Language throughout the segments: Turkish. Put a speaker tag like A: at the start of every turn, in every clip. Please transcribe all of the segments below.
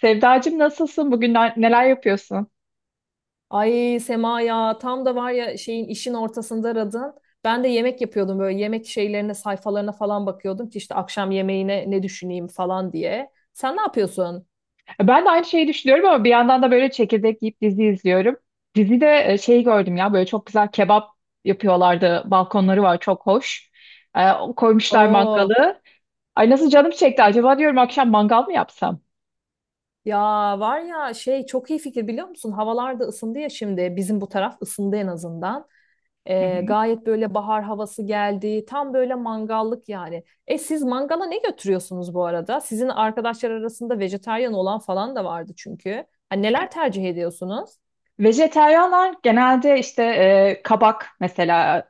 A: Sevdacığım nasılsın? Bugün neler yapıyorsun?
B: Ay Sema, ya tam da var ya, işin ortasında aradın. Ben de yemek yapıyordum, böyle yemek şeylerine, sayfalarına falan bakıyordum ki işte akşam yemeğine ne düşüneyim falan diye. Sen ne yapıyorsun?
A: Ben de aynı şeyi düşünüyorum ama bir yandan da böyle çekirdek yiyip dizi izliyorum. Dizide şeyi gördüm ya böyle çok güzel kebap yapıyorlardı. Balkonları var, çok hoş. E, Koymuşlar
B: Oo,
A: mangalı. Ay nasıl canım çekti, acaba diyorum akşam mangal mı yapsam?
B: ya var ya şey, çok iyi fikir, biliyor musun? Havalar da ısındı ya, şimdi bizim bu taraf ısındı en azından.
A: Hı
B: Ee,
A: hı.
B: gayet böyle bahar havası geldi. Tam böyle mangallık yani. Siz mangala ne götürüyorsunuz bu arada? Sizin arkadaşlar arasında vejetaryen olan falan da vardı çünkü. Hani neler tercih ediyorsunuz?
A: Vejeteryanlar genelde işte kabak mesela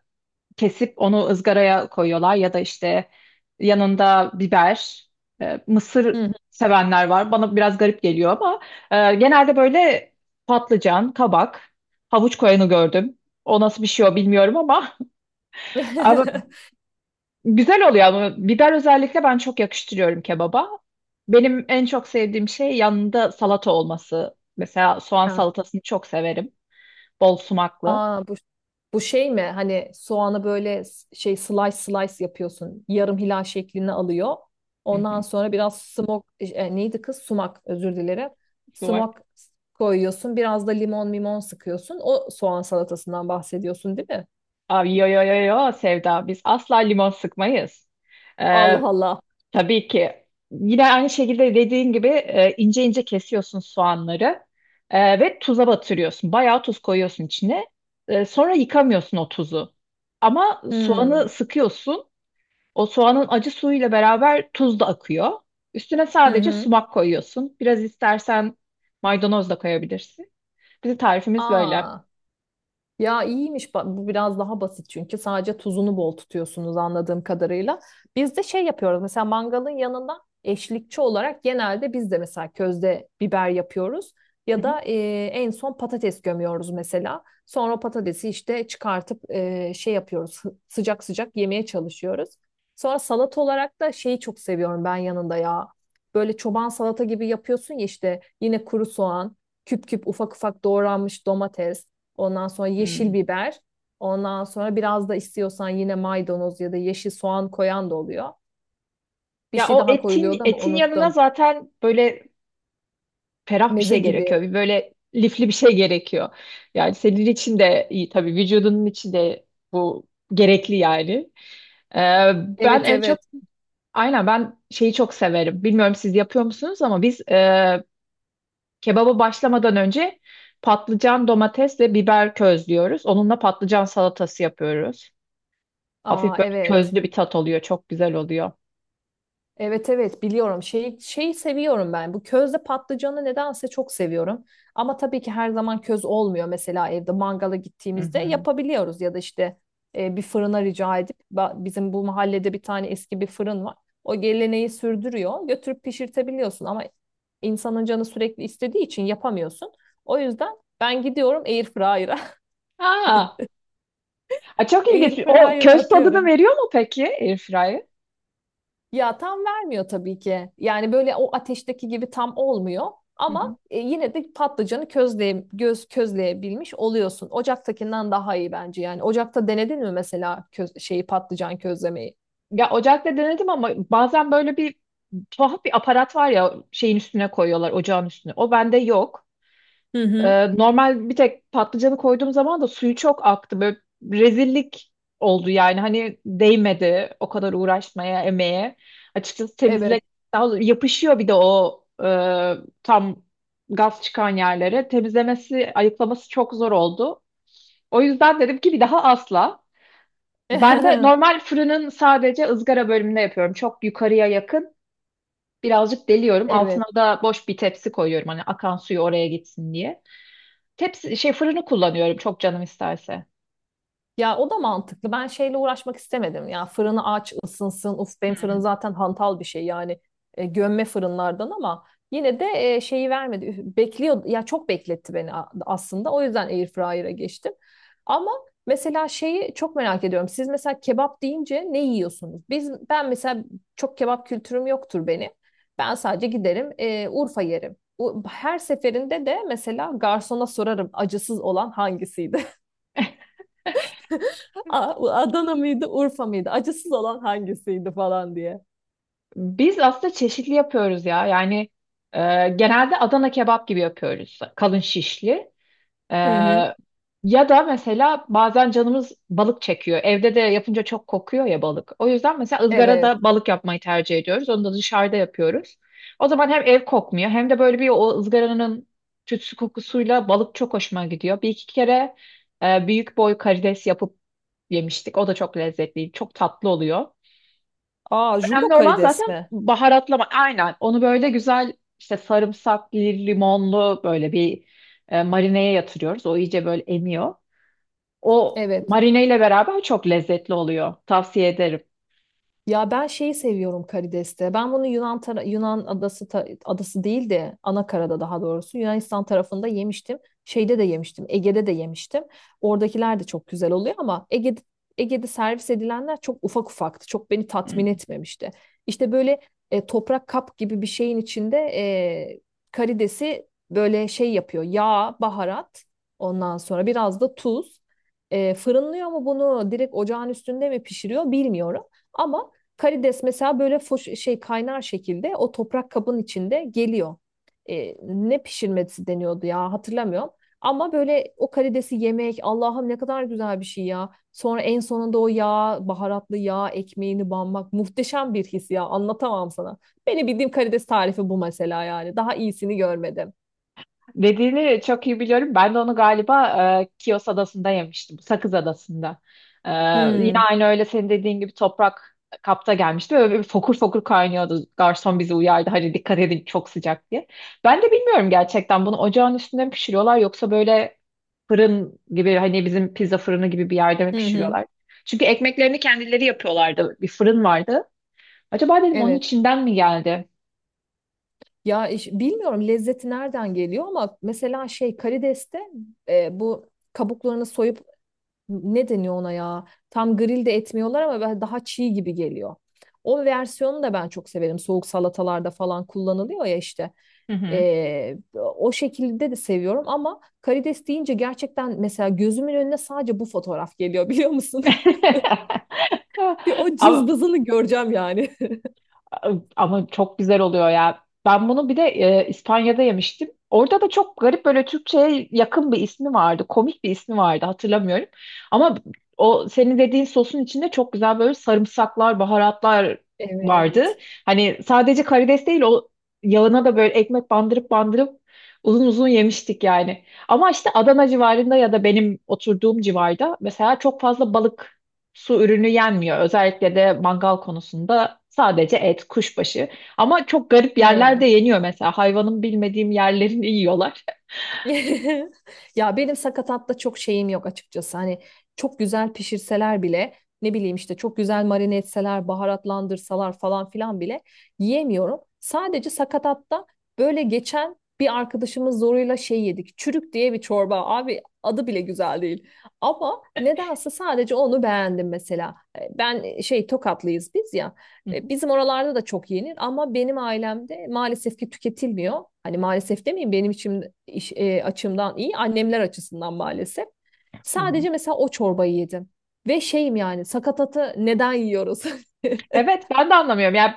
A: kesip onu ızgaraya koyuyorlar, ya da işte yanında biber, mısır
B: Hı hı.
A: sevenler var. Bana biraz garip geliyor ama genelde böyle patlıcan, kabak, havuç koyanı gördüm. O nasıl bir şey, o bilmiyorum ama ama güzel oluyor, ama biber özellikle ben çok yakıştırıyorum kebaba. Benim en çok sevdiğim şey yanında salata olması. Mesela soğan
B: Ha.
A: salatasını çok severim. Bol sumaklı.
B: Aa, bu şey mi? Hani soğanı böyle şey slice slice yapıyorsun. Yarım hilal şeklini alıyor.
A: Hı
B: Ondan
A: hı,
B: sonra biraz neydi kız? Sumak, özür dilerim.
A: sumak.
B: Sumak koyuyorsun. Biraz da limon limon sıkıyorsun. O soğan salatasından bahsediyorsun, değil mi?
A: Abi, yo yo yo yo Sevda, biz asla limon sıkmayız.
B: Allah
A: Ee,
B: Allah.
A: tabii ki yine aynı şekilde dediğin gibi ince ince kesiyorsun soğanları ve tuza batırıyorsun. Bayağı tuz koyuyorsun içine. Sonra yıkamıyorsun o tuzu. Ama soğanı
B: Hmm.
A: sıkıyorsun. O soğanın acı suyuyla beraber tuz da akıyor. Üstüne
B: Hı
A: sadece
B: hı.
A: sumak koyuyorsun. Biraz istersen maydanoz da koyabilirsin. Bizim tarifimiz böyle.
B: Aa. Ya iyiymiş, bu biraz daha basit çünkü sadece tuzunu bol tutuyorsunuz anladığım kadarıyla. Biz de şey yapıyoruz, mesela mangalın yanında eşlikçi olarak genelde biz de mesela közde biber yapıyoruz
A: Hı
B: ya
A: hı.
B: da en son patates gömüyoruz mesela. Sonra o patatesi işte çıkartıp şey yapıyoruz, sıcak sıcak yemeye çalışıyoruz. Sonra salat olarak da şeyi çok seviyorum ben yanında ya. Böyle çoban salata gibi yapıyorsun ya, işte yine kuru soğan, küp küp ufak ufak doğranmış domates. Ondan sonra yeşil
A: Hmm.
B: biber. Ondan sonra biraz da istiyorsan yine maydanoz ya da yeşil soğan koyan da oluyor. Bir
A: Ya
B: şey
A: o
B: daha
A: etin
B: koyuluyordu ama
A: etin yanına
B: unuttum.
A: zaten böyle ferah bir
B: Meze
A: şey
B: gibi.
A: gerekiyor. Bir böyle lifli bir şey gerekiyor. Yani senin için de iyi tabii, vücudunun için de bu gerekli yani. Ee, Ben
B: Evet,
A: en
B: evet.
A: çok aynen, ben şeyi çok severim. Bilmiyorum siz yapıyor musunuz, ama biz kebaba başlamadan önce patlıcan, domates ve biber közlüyoruz. Onunla patlıcan salatası yapıyoruz.
B: Aa,
A: Hafif böyle
B: evet.
A: közlü bir tat oluyor. Çok güzel oluyor.
B: Evet, evet, biliyorum. Şeyi seviyorum ben. Bu közde patlıcanı nedense çok seviyorum. Ama tabii ki her zaman köz olmuyor. Mesela evde mangala
A: Hı
B: gittiğimizde
A: hı.
B: yapabiliyoruz ya da işte bir fırına rica edip bizim bu mahallede bir tane eski bir fırın var. O geleneği sürdürüyor. Götürüp pişirtebiliyorsun ama insanın canı sürekli istediği için yapamıyorsun. O yüzden ben gidiyorum air fryer'a.
A: Aa, a, çok ilginç.
B: Air
A: O
B: fryer'a
A: köz tadını
B: atıyorum.
A: veriyor mu peki airfryer?
B: Ya tam vermiyor tabii ki. Yani böyle o ateşteki gibi tam olmuyor.
A: Hı hı.
B: Ama yine de patlıcanı közleyebilmiş oluyorsun. Ocaktakinden daha iyi bence yani. Ocakta denedin mi mesela köz, şeyi patlıcan közlemeyi?
A: Ya ocakta denedim ama bazen böyle bir tuhaf bir aparat var ya, şeyin üstüne koyuyorlar, ocağın üstüne. O bende yok.
B: Hı hı.
A: Normal bir tek patlıcanı koyduğum zaman da suyu çok aktı. Böyle rezillik oldu yani. Hani değmedi o kadar uğraşmaya, emeğe. Açıkçası
B: Evet.
A: temizle, daha doğrusu yapışıyor bir de o tam gaz çıkan yerlere. Temizlemesi, ayıklaması çok zor oldu. O yüzden dedim ki bir daha asla. Ben de normal fırının sadece ızgara bölümünde yapıyorum. Çok yukarıya yakın. Birazcık deliyorum.
B: Evet.
A: Altına da boş bir tepsi koyuyorum. Hani akan suyu oraya gitsin diye. Tepsi şey fırını kullanıyorum çok canım isterse.
B: Ya o da mantıklı. Ben şeyle uğraşmak istemedim. Ya fırını aç, ısınsın. Uf, benim fırın zaten hantal bir şey yani, gömme fırınlardan, ama yine de şeyi vermedi. Üf, bekliyor ya, çok bekletti beni aslında. O yüzden airfryer'a geçtim. Ama mesela şeyi çok merak ediyorum. Siz mesela kebap deyince ne yiyorsunuz? Ben mesela çok kebap kültürüm yoktur benim. Ben sadece giderim, Urfa yerim. Her seferinde de mesela garsona sorarım, acısız olan hangisiydi? A- Adana mıydı, Urfa mıydı? Acısız olan hangisiydi falan diye.
A: Biz aslında çeşitli yapıyoruz ya. Yani e, genelde Adana kebap gibi yapıyoruz. Kalın şişli. E,
B: Hı hı.
A: Ya da mesela bazen canımız balık çekiyor. Evde de yapınca çok kokuyor ya balık. O yüzden mesela
B: Evet.
A: ızgarada balık yapmayı tercih ediyoruz. Onu da dışarıda yapıyoruz. O zaman hem ev kokmuyor, hem de böyle bir o ızgaranın tütsü kokusuyla balık çok hoşuma gidiyor. Bir iki kere büyük boy karides yapıp yemiştik. O da çok lezzetli, çok tatlı oluyor.
B: Aa, jumbo
A: Önemli olan
B: karides
A: zaten
B: mi?
A: baharatlama. Aynen. Onu böyle güzel işte sarımsaklı, limonlu böyle bir marineye yatırıyoruz. O iyice böyle emiyor. O
B: Evet.
A: marineyle beraber çok lezzetli oluyor. Tavsiye ederim.
B: Ya ben şeyi seviyorum karideste. Ben bunu Yunan adası değil de Anakara'da, daha doğrusu Yunanistan tarafında yemiştim. Şeyde de yemiştim. Ege'de de yemiştim. Oradakiler de çok güzel oluyor ama Ege'de servis edilenler çok ufak ufaktı. Çok beni tatmin etmemişti. İşte böyle toprak kap gibi bir şeyin içinde karidesi böyle şey yapıyor. Yağ, baharat, ondan sonra biraz da tuz. Fırınlıyor mu bunu, direkt ocağın üstünde mi pişiriyor bilmiyorum. Ama karides mesela böyle foş, şey, kaynar şekilde o toprak kabın içinde geliyor. Ne pişirmesi deniyordu ya, hatırlamıyorum. Ama böyle o karidesi yemek, Allah'ım, ne kadar güzel bir şey ya. Sonra en sonunda o yağ, baharatlı yağ ekmeğini banmak muhteşem bir his ya, anlatamam sana. Benim bildiğim karides tarifi bu mesela, yani daha iyisini görmedim.
A: Dediğini çok iyi biliyorum. Ben de onu galiba Kios Adası'nda yemiştim. Sakız Adası'nda. E, Yine
B: Hmm.
A: aynı, öyle senin dediğin gibi toprak kapta gelmişti. Böyle bir fokur fokur kaynıyordu. Garson bizi uyardı. Hani dikkat edin çok sıcak diye. Ben de bilmiyorum gerçekten, bunu ocağın üstünde mi pişiriyorlar, yoksa böyle fırın gibi, hani bizim pizza fırını gibi bir yerde mi
B: Hı hı.
A: pişiriyorlar? Çünkü ekmeklerini kendileri yapıyorlardı. Bir fırın vardı. Acaba dedim onun
B: Evet.
A: içinden mi geldi?
B: Ya bilmiyorum lezzeti nereden geliyor ama mesela şey, karideste bu kabuklarını soyup, ne deniyor ona ya? Tam grill de etmiyorlar ama daha çiğ gibi geliyor. O versiyonu da ben çok severim. Soğuk salatalarda falan kullanılıyor ya işte.
A: Hı hı.
B: O şekilde de seviyorum ama karides deyince gerçekten mesela gözümün önüne sadece bu fotoğraf geliyor, biliyor musun? Bir o
A: Ama,
B: cızbızını göreceğim yani.
A: ama çok güzel oluyor ya. Ben bunu bir de İspanya'da yemiştim. Orada da çok garip böyle Türkçe'ye yakın bir ismi vardı. Komik bir ismi vardı, hatırlamıyorum. Ama o senin dediğin sosun içinde çok güzel böyle sarımsaklar, baharatlar vardı.
B: Evet.
A: Hani sadece karides değil, o yağına da böyle ekmek bandırıp bandırıp uzun uzun yemiştik yani. Ama işte Adana civarında ya da benim oturduğum civarda mesela çok fazla balık, su ürünü yenmiyor. Özellikle de mangal konusunda sadece et, kuşbaşı. Ama çok garip yerlerde
B: He.
A: yeniyor mesela. Hayvanın bilmediğim yerlerini yiyorlar.
B: Ya benim sakatatta çok şeyim yok açıkçası. Hani çok güzel pişirseler bile, ne bileyim, işte çok güzel marine etseler, baharatlandırsalar falan filan bile yiyemiyorum. Sadece sakatatta böyle, geçen bir arkadaşımız zoruyla şey yedik, çürük diye bir çorba. Abi adı bile güzel değil. Ama nedense sadece onu beğendim mesela. Ben, şey, Tokatlıyız biz ya.
A: Hı hı.
B: Bizim oralarda da çok yenir ama benim ailemde maalesef ki tüketilmiyor. Hani maalesef demeyeyim, benim için açımdan iyi, annemler açısından maalesef.
A: Hı hı.
B: Sadece mesela o çorbayı yedim. Ve şeyim, yani sakatatı neden yiyoruz?
A: Evet, ben de anlamıyorum. Yani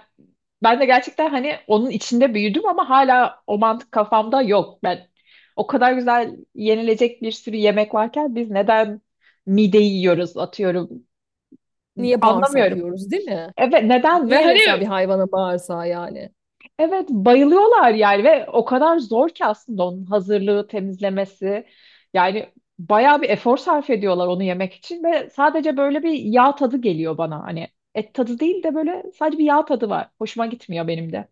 A: ben de gerçekten hani onun içinde büyüdüm ama hala o mantık kafamda yok. Ben o kadar güzel yenilecek bir sürü yemek varken biz neden mideyi yiyoruz atıyorum.
B: Niye bağırsak
A: Anlamıyorum.
B: yiyoruz, değil mi?
A: Evet, neden ve
B: Niye
A: hani
B: mesela bir hayvana bağırsağı yani?
A: evet bayılıyorlar yani, ve o kadar zor ki aslında onun hazırlığı, temizlemesi. Yani bayağı bir efor sarf ediyorlar onu yemek için ve sadece böyle bir yağ tadı geliyor bana. Hani et tadı değil de böyle sadece bir yağ tadı var. Hoşuma gitmiyor benim de.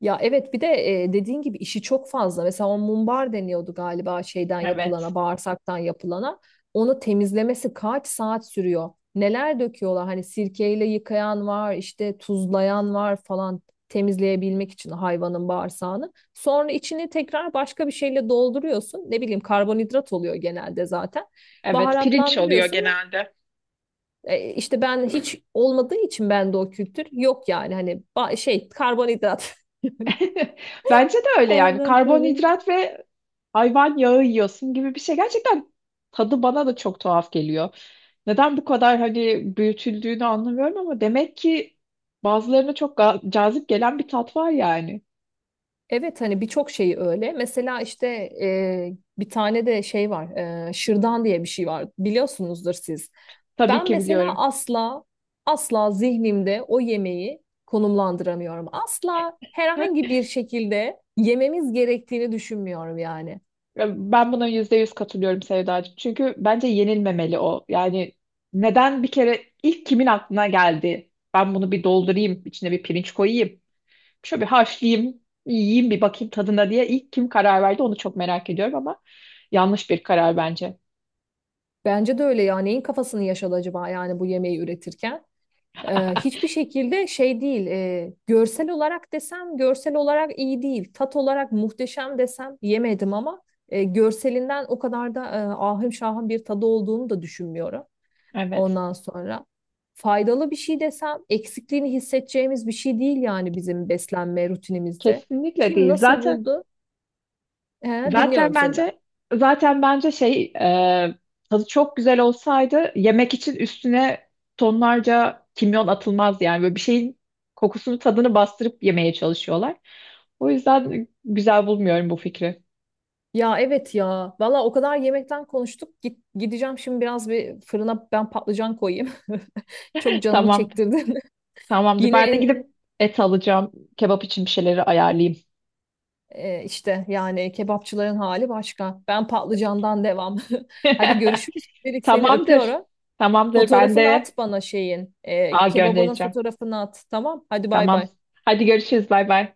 B: Ya evet, bir de dediğin gibi işi çok fazla. Mesela o mumbar deniyordu galiba, şeyden
A: Evet.
B: yapılana, bağırsaktan yapılana. Onu temizlemesi kaç saat sürüyor? Neler döküyorlar! Hani sirkeyle yıkayan var, işte tuzlayan var falan, temizleyebilmek için hayvanın bağırsağını. Sonra içini tekrar başka bir şeyle dolduruyorsun. Ne bileyim, karbonhidrat oluyor genelde zaten.
A: Evet, pirinç oluyor
B: Baharatlandırıyorsun ve
A: genelde.
B: işte ben hiç olmadığı için bende o kültür yok, yani hani, şey, karbonhidrat.
A: Bence de öyle, yani
B: Ondan sonra.
A: karbonhidrat ve hayvan yağı yiyorsun gibi bir şey. Gerçekten tadı bana da çok tuhaf geliyor. Neden bu kadar hani büyütüldüğünü anlamıyorum, ama demek ki bazılarına çok cazip gelen bir tat var yani.
B: Evet, hani birçok şeyi öyle. Mesela işte e, bir tane de şey var, şırdan diye bir şey var. Biliyorsunuzdur siz.
A: Tabii
B: Ben
A: ki
B: mesela
A: biliyorum.
B: asla, asla zihnimde o yemeği konumlandıramıyorum. Asla herhangi bir şekilde yememiz gerektiğini düşünmüyorum yani.
A: Ben buna %100 katılıyorum Sevdacığım. Çünkü bence yenilmemeli o. Yani neden, bir kere ilk kimin aklına geldi? Ben bunu bir doldurayım, içine bir pirinç koyayım. Şöyle bir haşlayayım, yiyeyim bir bakayım tadına diye ilk kim karar verdi, onu çok merak ediyorum ama yanlış bir karar bence.
B: Bence de öyle ya. Neyin kafasını yaşadı acaba yani bu yemeği üretirken? Hiçbir şekilde şey değil. Görsel olarak desem, görsel olarak iyi değil. Tat olarak muhteşem desem, yemedim ama görselinden o kadar da ahım şahım bir tadı olduğunu da düşünmüyorum.
A: Evet.
B: Ondan sonra faydalı bir şey desem, eksikliğini hissedeceğimiz bir şey değil yani bizim beslenme rutinimizde.
A: Kesinlikle
B: Kim
A: değil.
B: nasıl buldu? He,
A: Zaten
B: dinliyorum seni ben.
A: bence zaten bence şey, tadı çok güzel olsaydı yemek için üstüne tonlarca kimyon atılmaz, yani böyle bir şeyin kokusunu, tadını bastırıp yemeye çalışıyorlar. O yüzden güzel bulmuyorum bu fikri.
B: Ya evet ya. Valla o kadar yemekten konuştuk. Gideceğim şimdi, biraz bir fırına ben patlıcan koyayım. Çok canımı
A: Tamam.
B: çektirdin.
A: Tamamdır.
B: Yine
A: Ben de
B: en,
A: gidip et alacağım. Kebap için bir şeyleri ayarlayayım.
B: e, işte yani, kebapçıların hali başka. Ben patlıcandan devam. Hadi görüşürüz. Dedik, seni
A: Tamamdır.
B: öpüyorum.
A: Tamamdır. Ben
B: Fotoğrafını at
A: de
B: bana şeyin. E,
A: a
B: kebabının
A: göndereceğim.
B: fotoğrafını at. Tamam. Hadi bay
A: Tamam.
B: bay.
A: Hadi görüşürüz. Bay bay.